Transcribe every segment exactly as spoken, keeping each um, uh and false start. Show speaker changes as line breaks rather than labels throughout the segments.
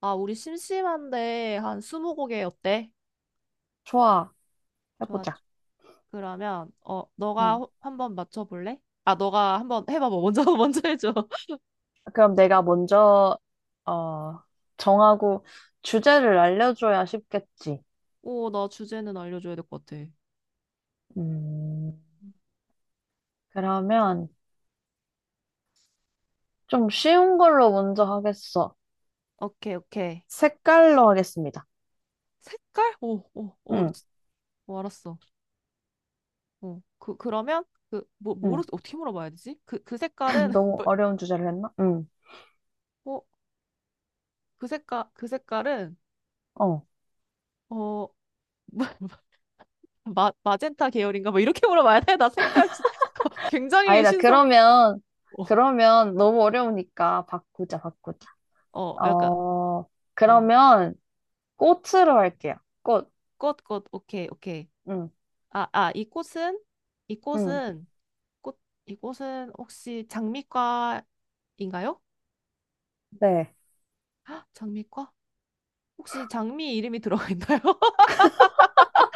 아, 우리 심심한데 한 스무 곡에 어때?
좋아,
좋아.
해보자.
그러면 어, 너가
응.
호- 한번 맞춰 볼래? 아, 너가 한번 해봐. 봐 먼저 먼저 해줘.
그럼 내가 먼저, 어, 정하고 주제를 알려줘야 쉽겠지.
오, 나 주제는 알려줘야 될 것 같아.
음, 그러면 좀 쉬운 걸로 먼저 하겠어.
오케이, 오케이.
색깔로 하겠습니다.
색깔? 오, 오, 오,
응,
스- 오, 알았어. 어, 그 그러면 그 뭐
응.
뭐로 어떻게 물어봐야 되지? 그 그 색깔은
너무
뭐,
어려운 주제를 했나? 응,
어, 그 색깔 그 색깔은
어.
어, 마, 마, 마젠타 계열인가? 뭐 이렇게 물어봐야 돼? 나 색깔 진- 굉장히
아니다.
신선.
그러면,
어,
그러면 너무 어려우니까 바꾸자, 바꾸자.
어, 약간.
어,
어.
그러면 꽃으로 할게요. 꽃.
꽃, 꽃, 오케이, 오케이.
응,
아, 아, 이 꽃은? 이
응.
꽃은, 꽃, 이 꽃은 혹시 장미과인가요?
네.
헉, 장미과? 혹시 장미 이름이 들어가 있나요?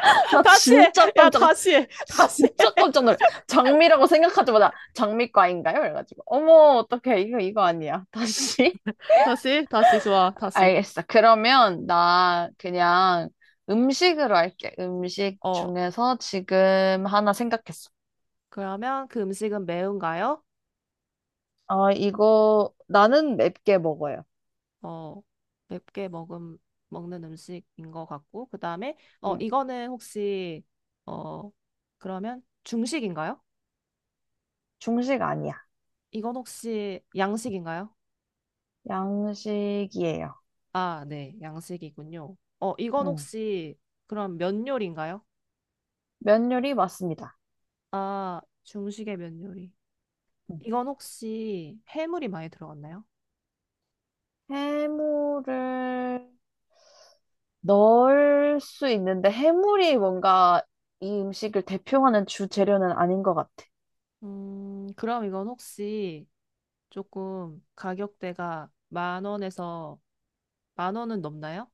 나
다시 해!
진짜
야,
깜짝
다시 해! 다시
진짜
해!
깜짝 놀래. 장미라고 생각하자마자 장미과인가요? 그래가지고 어머 어떡해 이거 이거 아니야. 다시
다시, 다시, 좋아, 다시.
알겠어. 그러면 나 그냥 음식으로 할게. 음식
어,
중에서 지금 하나 생각했어.
그러면 그 음식은 매운가요?
어, 이거 나는 맵게 먹어요.
어, 맵게 먹음, 먹는 음식인 것 같고, 그 다음에, 어,
응.
이거는 혹시, 어, 그러면 중식인가요?
중식 아니야.
이건 혹시 양식인가요?
양식이에요.
아, 네, 양식이군요. 어, 이건
응.
혹시 그럼 면 요리인가요?
면 요리 맞습니다.
아, 중식의 면 요리.
응.
이건 혹시 해물이 많이 들어갔나요?
해물을 넣을 수 있는데 해물이 뭔가 이 음식을 대표하는 주 재료는 아닌 것 같아.
음, 그럼 이건 혹시 조금 가격대가 만 원에서 만 원은 넘나요?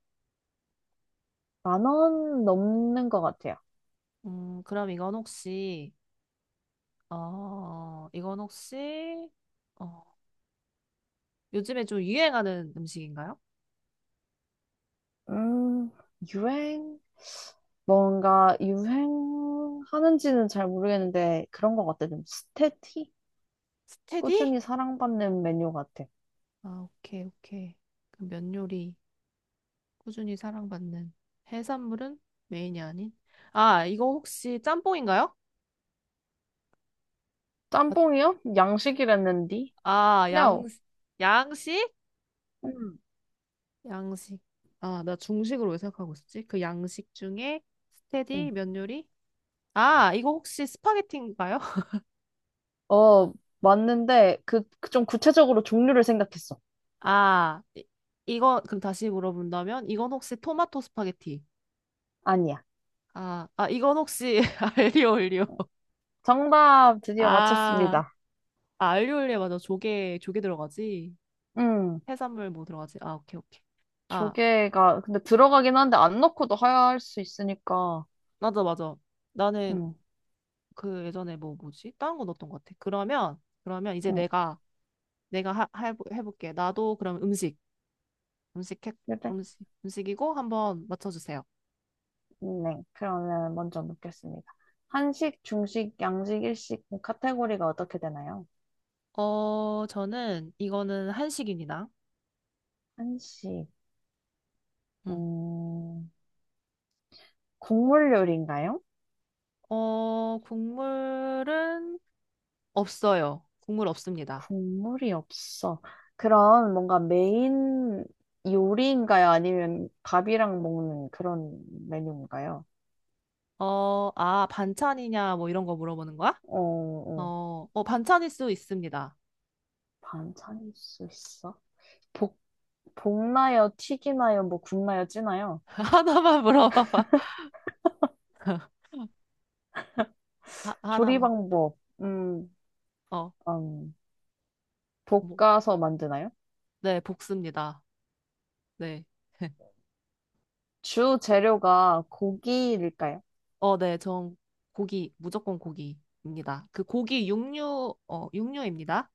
만 원 넘는 것 같아요.
음, 그럼 이건 혹시 어, 이건 혹시 어, 요즘에 좀 유행하는 음식인가요?
음, 유행? 뭔가 유행하는지는 잘 모르겠는데 그런 것 같아. 좀 스테티?
스테디?
꾸준히 사랑받는 메뉴 같아.
아, 오케이, 오케이. 그럼 면 요리. 꾸준히 사랑받는 해산물은 메인이 아닌 아 이거 혹시 짬뽕인가요? 아,
짬뽕이요? 양식이랬는디?
아, 양
No.
양식?
음.
양식 아 나 중식으로 왜 생각하고 있었지? 그 양식 중에 스테디
음.
면 요리? 아 이거 혹시 스파게티인가요?
어, 맞는데 그, 그좀 구체적으로 종류를 생각했어.
아 이, 이거 그럼 다시 물어본다면 이건 혹시 토마토 스파게티?
아니야.
아, 아 이건 혹시 알리오 올리오.
정답 드디어
아,
맞췄습니다.
아 알리오 올리오 맞아. 조개 조개 들어가지.
음.
해산물 뭐 들어가지. 아 오케이 오케이. 아
조개가 근데 들어가긴 한데 안 넣고도 하얄 수 있으니까
맞아, 맞아. 나는
응,
그 예전에 뭐 뭐지? 다른 거 넣었던 것 같아. 그러면 그러면 이제
응,
내가 내가 하, 해, 해볼게. 나도 그럼 음식 음식 해,
그래?
음식 음식이고 한번 맞춰주세요.
네, 그러면 먼저 묻겠습니다. 한식, 중식, 양식, 일식 카테고리가 어떻게 되나요?
어, 저는 이거는 한식입니다.
한식,
음.
음, 국물 요리인가요?
어, 국물은 없어요. 국물 없습니다.
국물이 없어. 그럼 뭔가 메인 요리인가요? 아니면 밥이랑 먹는 그런 메뉴인가요?
어, 아, 반찬이냐 뭐 이런 거 물어보는 거야?
어, 어,
어, 어, 반찬일 수 있습니다.
반찬일 수 있어? 볶, 볶나요, 튀기나요, 뭐 굽나요, 찌나요?
하나만 물어봐봐. 하,
조리
하나만.
방법, 음,
어,
음,
뭐,
볶아서 만드나요?
네, 볶습니다. 네.
주 재료가 고기일까요?
어, 네. 전 고기, 무조건 고기입니다. 그 고기 육류, 어, 육류입니다.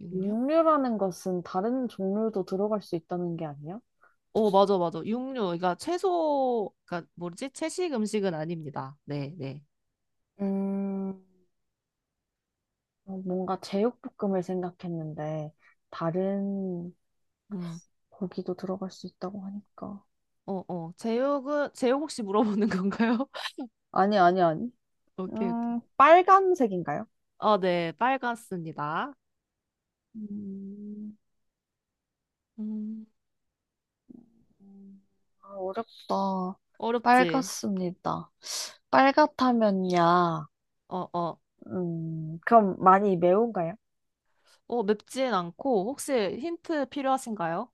육류?
육류라는 것은 다른 종류도 들어갈 수 있다는 게 아니에요?
어, 맞아, 맞아. 육류. 그러니까 채소, 그러니까 뭐지? 채식 음식은 아닙니다. 네, 네.
음, 어, 뭔가 제육볶음을 생각했는데, 다른
음.
고기도 들어갈 수 있다고 하니까.
어, 어. 제육은, 제육 혹시 물어보는 건가요?
아니, 아니, 아니.
오케이, 오케이.
음, 빨간색인가요?
어, 네. 빨갛습니다.
음,
음.
음, 아, 어렵다.
어렵지?
빨갛습니다. 빨갛다면야,
어, 어.
음, 그럼 많이 매운가요?
어, 맵진 않고, 혹시 힌트 필요하신가요?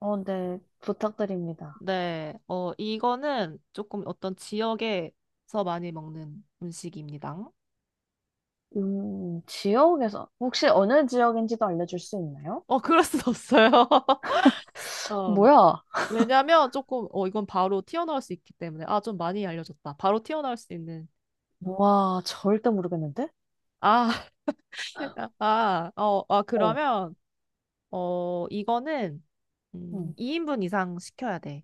어, 네, 부탁드립니다.
네, 어, 이거는 조금 어떤 지역에서 많이 먹는 음식입니다.
음, 지역에서, 혹시 어느 지역인지도 알려줄 수 있나요?
어, 그럴 순 없어요. 어,
뭐야?
왜냐면 조금, 어, 이건 바로 튀어나올 수 있기 때문에. 아, 좀 많이 알려줬다. 바로 튀어나올 수 있는.
와, 절대 모르겠는데?
아, 아, 어, 아,
어,
그러면, 어, 이거는, 음,
음,
이 인분 이상 시켜야 돼.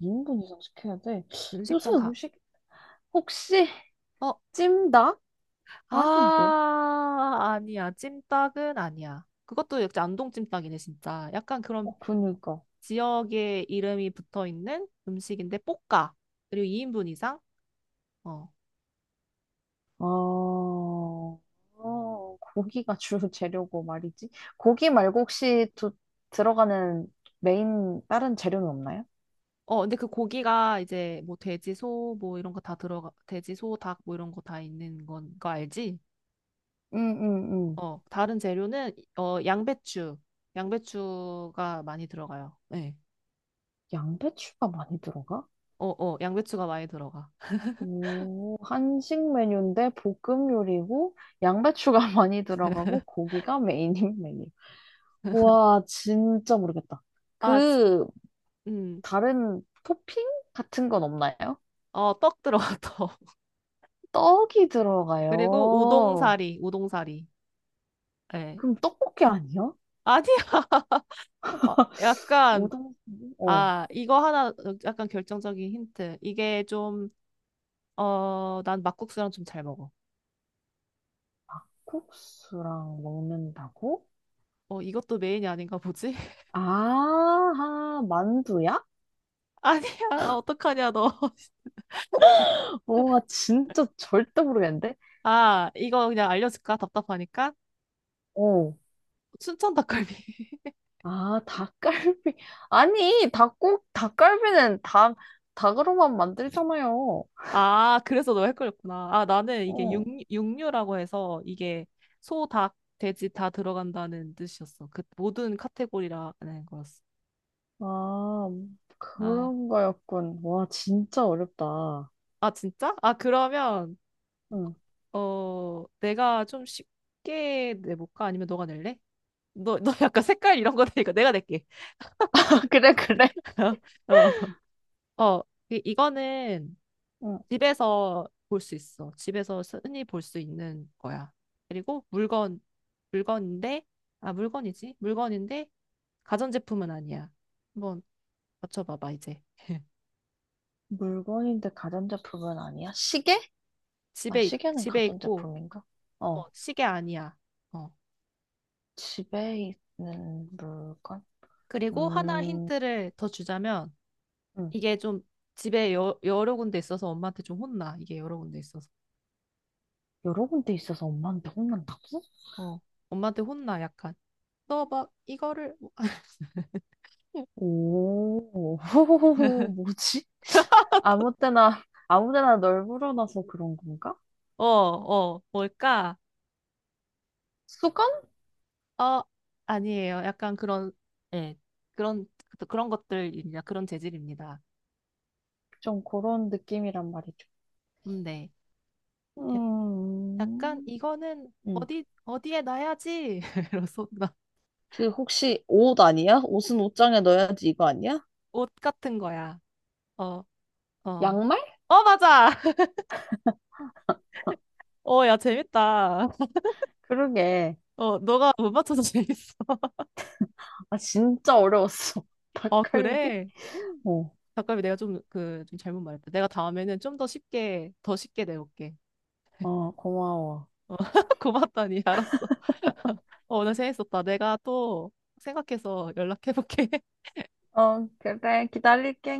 인분 이상 시켜야 돼. 요새
음식점 가.
음식, 혹시
어,
찜닭? 아닌데?
아, 아니야. 찜닭은 아니야. 그것도 역시 안동 찜닭이네, 진짜. 약간 그런
어, 그니까.
지역의 이름이 붙어 있는 음식인데 볶아. 그리고 이 인분 이상. 어.
어, 어, 고기가 주 재료고 말이지. 고기 말고 혹시 두, 들어가는 메인 다른 재료는 없나요?
어, 근데 그 고기가 이제 뭐 돼지, 소, 뭐 이런 거 다 들어가, 돼지, 소, 닭 뭐 이런 거 다 있는 건 거 알지?
음, 음, 음.
어, 다른 재료는 어, 양배추. 양배추가 많이 들어가요. 네.
양배추가 많이 들어가?
어, 어, 양배추가 많이 들어가.
오, 한식 메뉴인데 볶음 요리고 양배추가 많이 들어가고 고기가 메인인 메뉴. 와, 진짜 모르겠다.
아, 지-
그
음.
다른 토핑 같은 건 없나요?
어, 떡 들어가, 떡.
떡이
그리고
들어가요.
우동사리, 우동사리. 예.
그럼 떡볶이 아니야?
아니야. 아,
우
약간
동수 어,
아, 이거 하나 어, 약간 결정적인 힌트. 이게 좀, 어, 난 막국수랑 좀 잘 먹어.
콩국수랑 먹는다고?
어, 이것도 메인이 아닌가 보지?
아, 만두야?
아니야, 어떡하냐, 너.
와, 진짜 절대 모르겠는데?
아, 이거 그냥 알려줄까? 답답하니까?
어,
춘천 닭갈비.
아, 닭갈비. 아니, 닭국, 닭갈비는 닭, 닭으로만 만들잖아요.
아, 그래서 너 헷갈렸구나. 아, 나는 이게 육,
어,
육류라고 해서 이게 소, 닭, 돼지 다 들어간다는 뜻이었어. 그 모든 카테고리라는 거였어.
아,
아,
그런 거였군. 와, 진짜 어렵다.
아, 진짜? 아, 그러면,
응.
어, 내가 좀 쉽게 내볼까? 아니면 너가 낼래? 너, 너 약간 색깔 이런 거 되니까 내가 낼게.
아, 그래, 그래.
어, 어, 어, 이- 이거는
응.
집에서 볼 수 있어. 집에서 흔히 볼 수 있는 거야. 그리고 물건, 물건인데, 아, 물건이지? 물건인데, 가전제품은 아니야. 한번 맞춰봐봐, 이제.
물건인데 가전제품은 아니야? 시계? 아,
집에, 있-
시계는
집에 있고,
가전제품인가?
어,
어
시계 아니야. 어.
집에 있는 물건?
그리고 하나
음,
힌트를 더 주자면,
음,
이게 좀 집에 여, 여러 군데 있어서 엄마한테 좀 혼나. 이게 여러 군데 있어서.
여러 군데 있어서 엄마한테 혼난다고?
어, 엄마한테 혼나, 약간. 너 막, 이거를,
오, 뭐지? 아무 때나, 아무 데나 널 불어놔서 그런 건가?
어, 어, 뭘까?
수건?
어, 아니에요. 약간 그런, 예, 그런, 그런 것들입니다. 그런 재질입니다.
좀 그런 느낌이란 말이죠.
음, 네. 약- 약간
음,
이거는
음.
어디, 어디에 놔야지? 이러면서 나
그 혹시 옷 아니야? 옷은 옷장에 넣어야지 이거 아니야?
옷 같은 거야. 어, 어.
양말?
어, 맞아! 어, 야, 재밌다.
그러게.
어, 너가 못 맞춰서 재밌어.
아, 진짜 어려웠어.
어,
닭갈비?
그래?
어,
잠깐만 내가 좀 그 좀 잘못 말했다. 내가 다음에는 좀 더 쉽게 더 쉽게 내볼게.
어, 고마워.
고맙다니 알았어. 어, 오늘 재밌었다. 내가 또 생각해서 연락해볼게.
어, 그래, 기다릴게.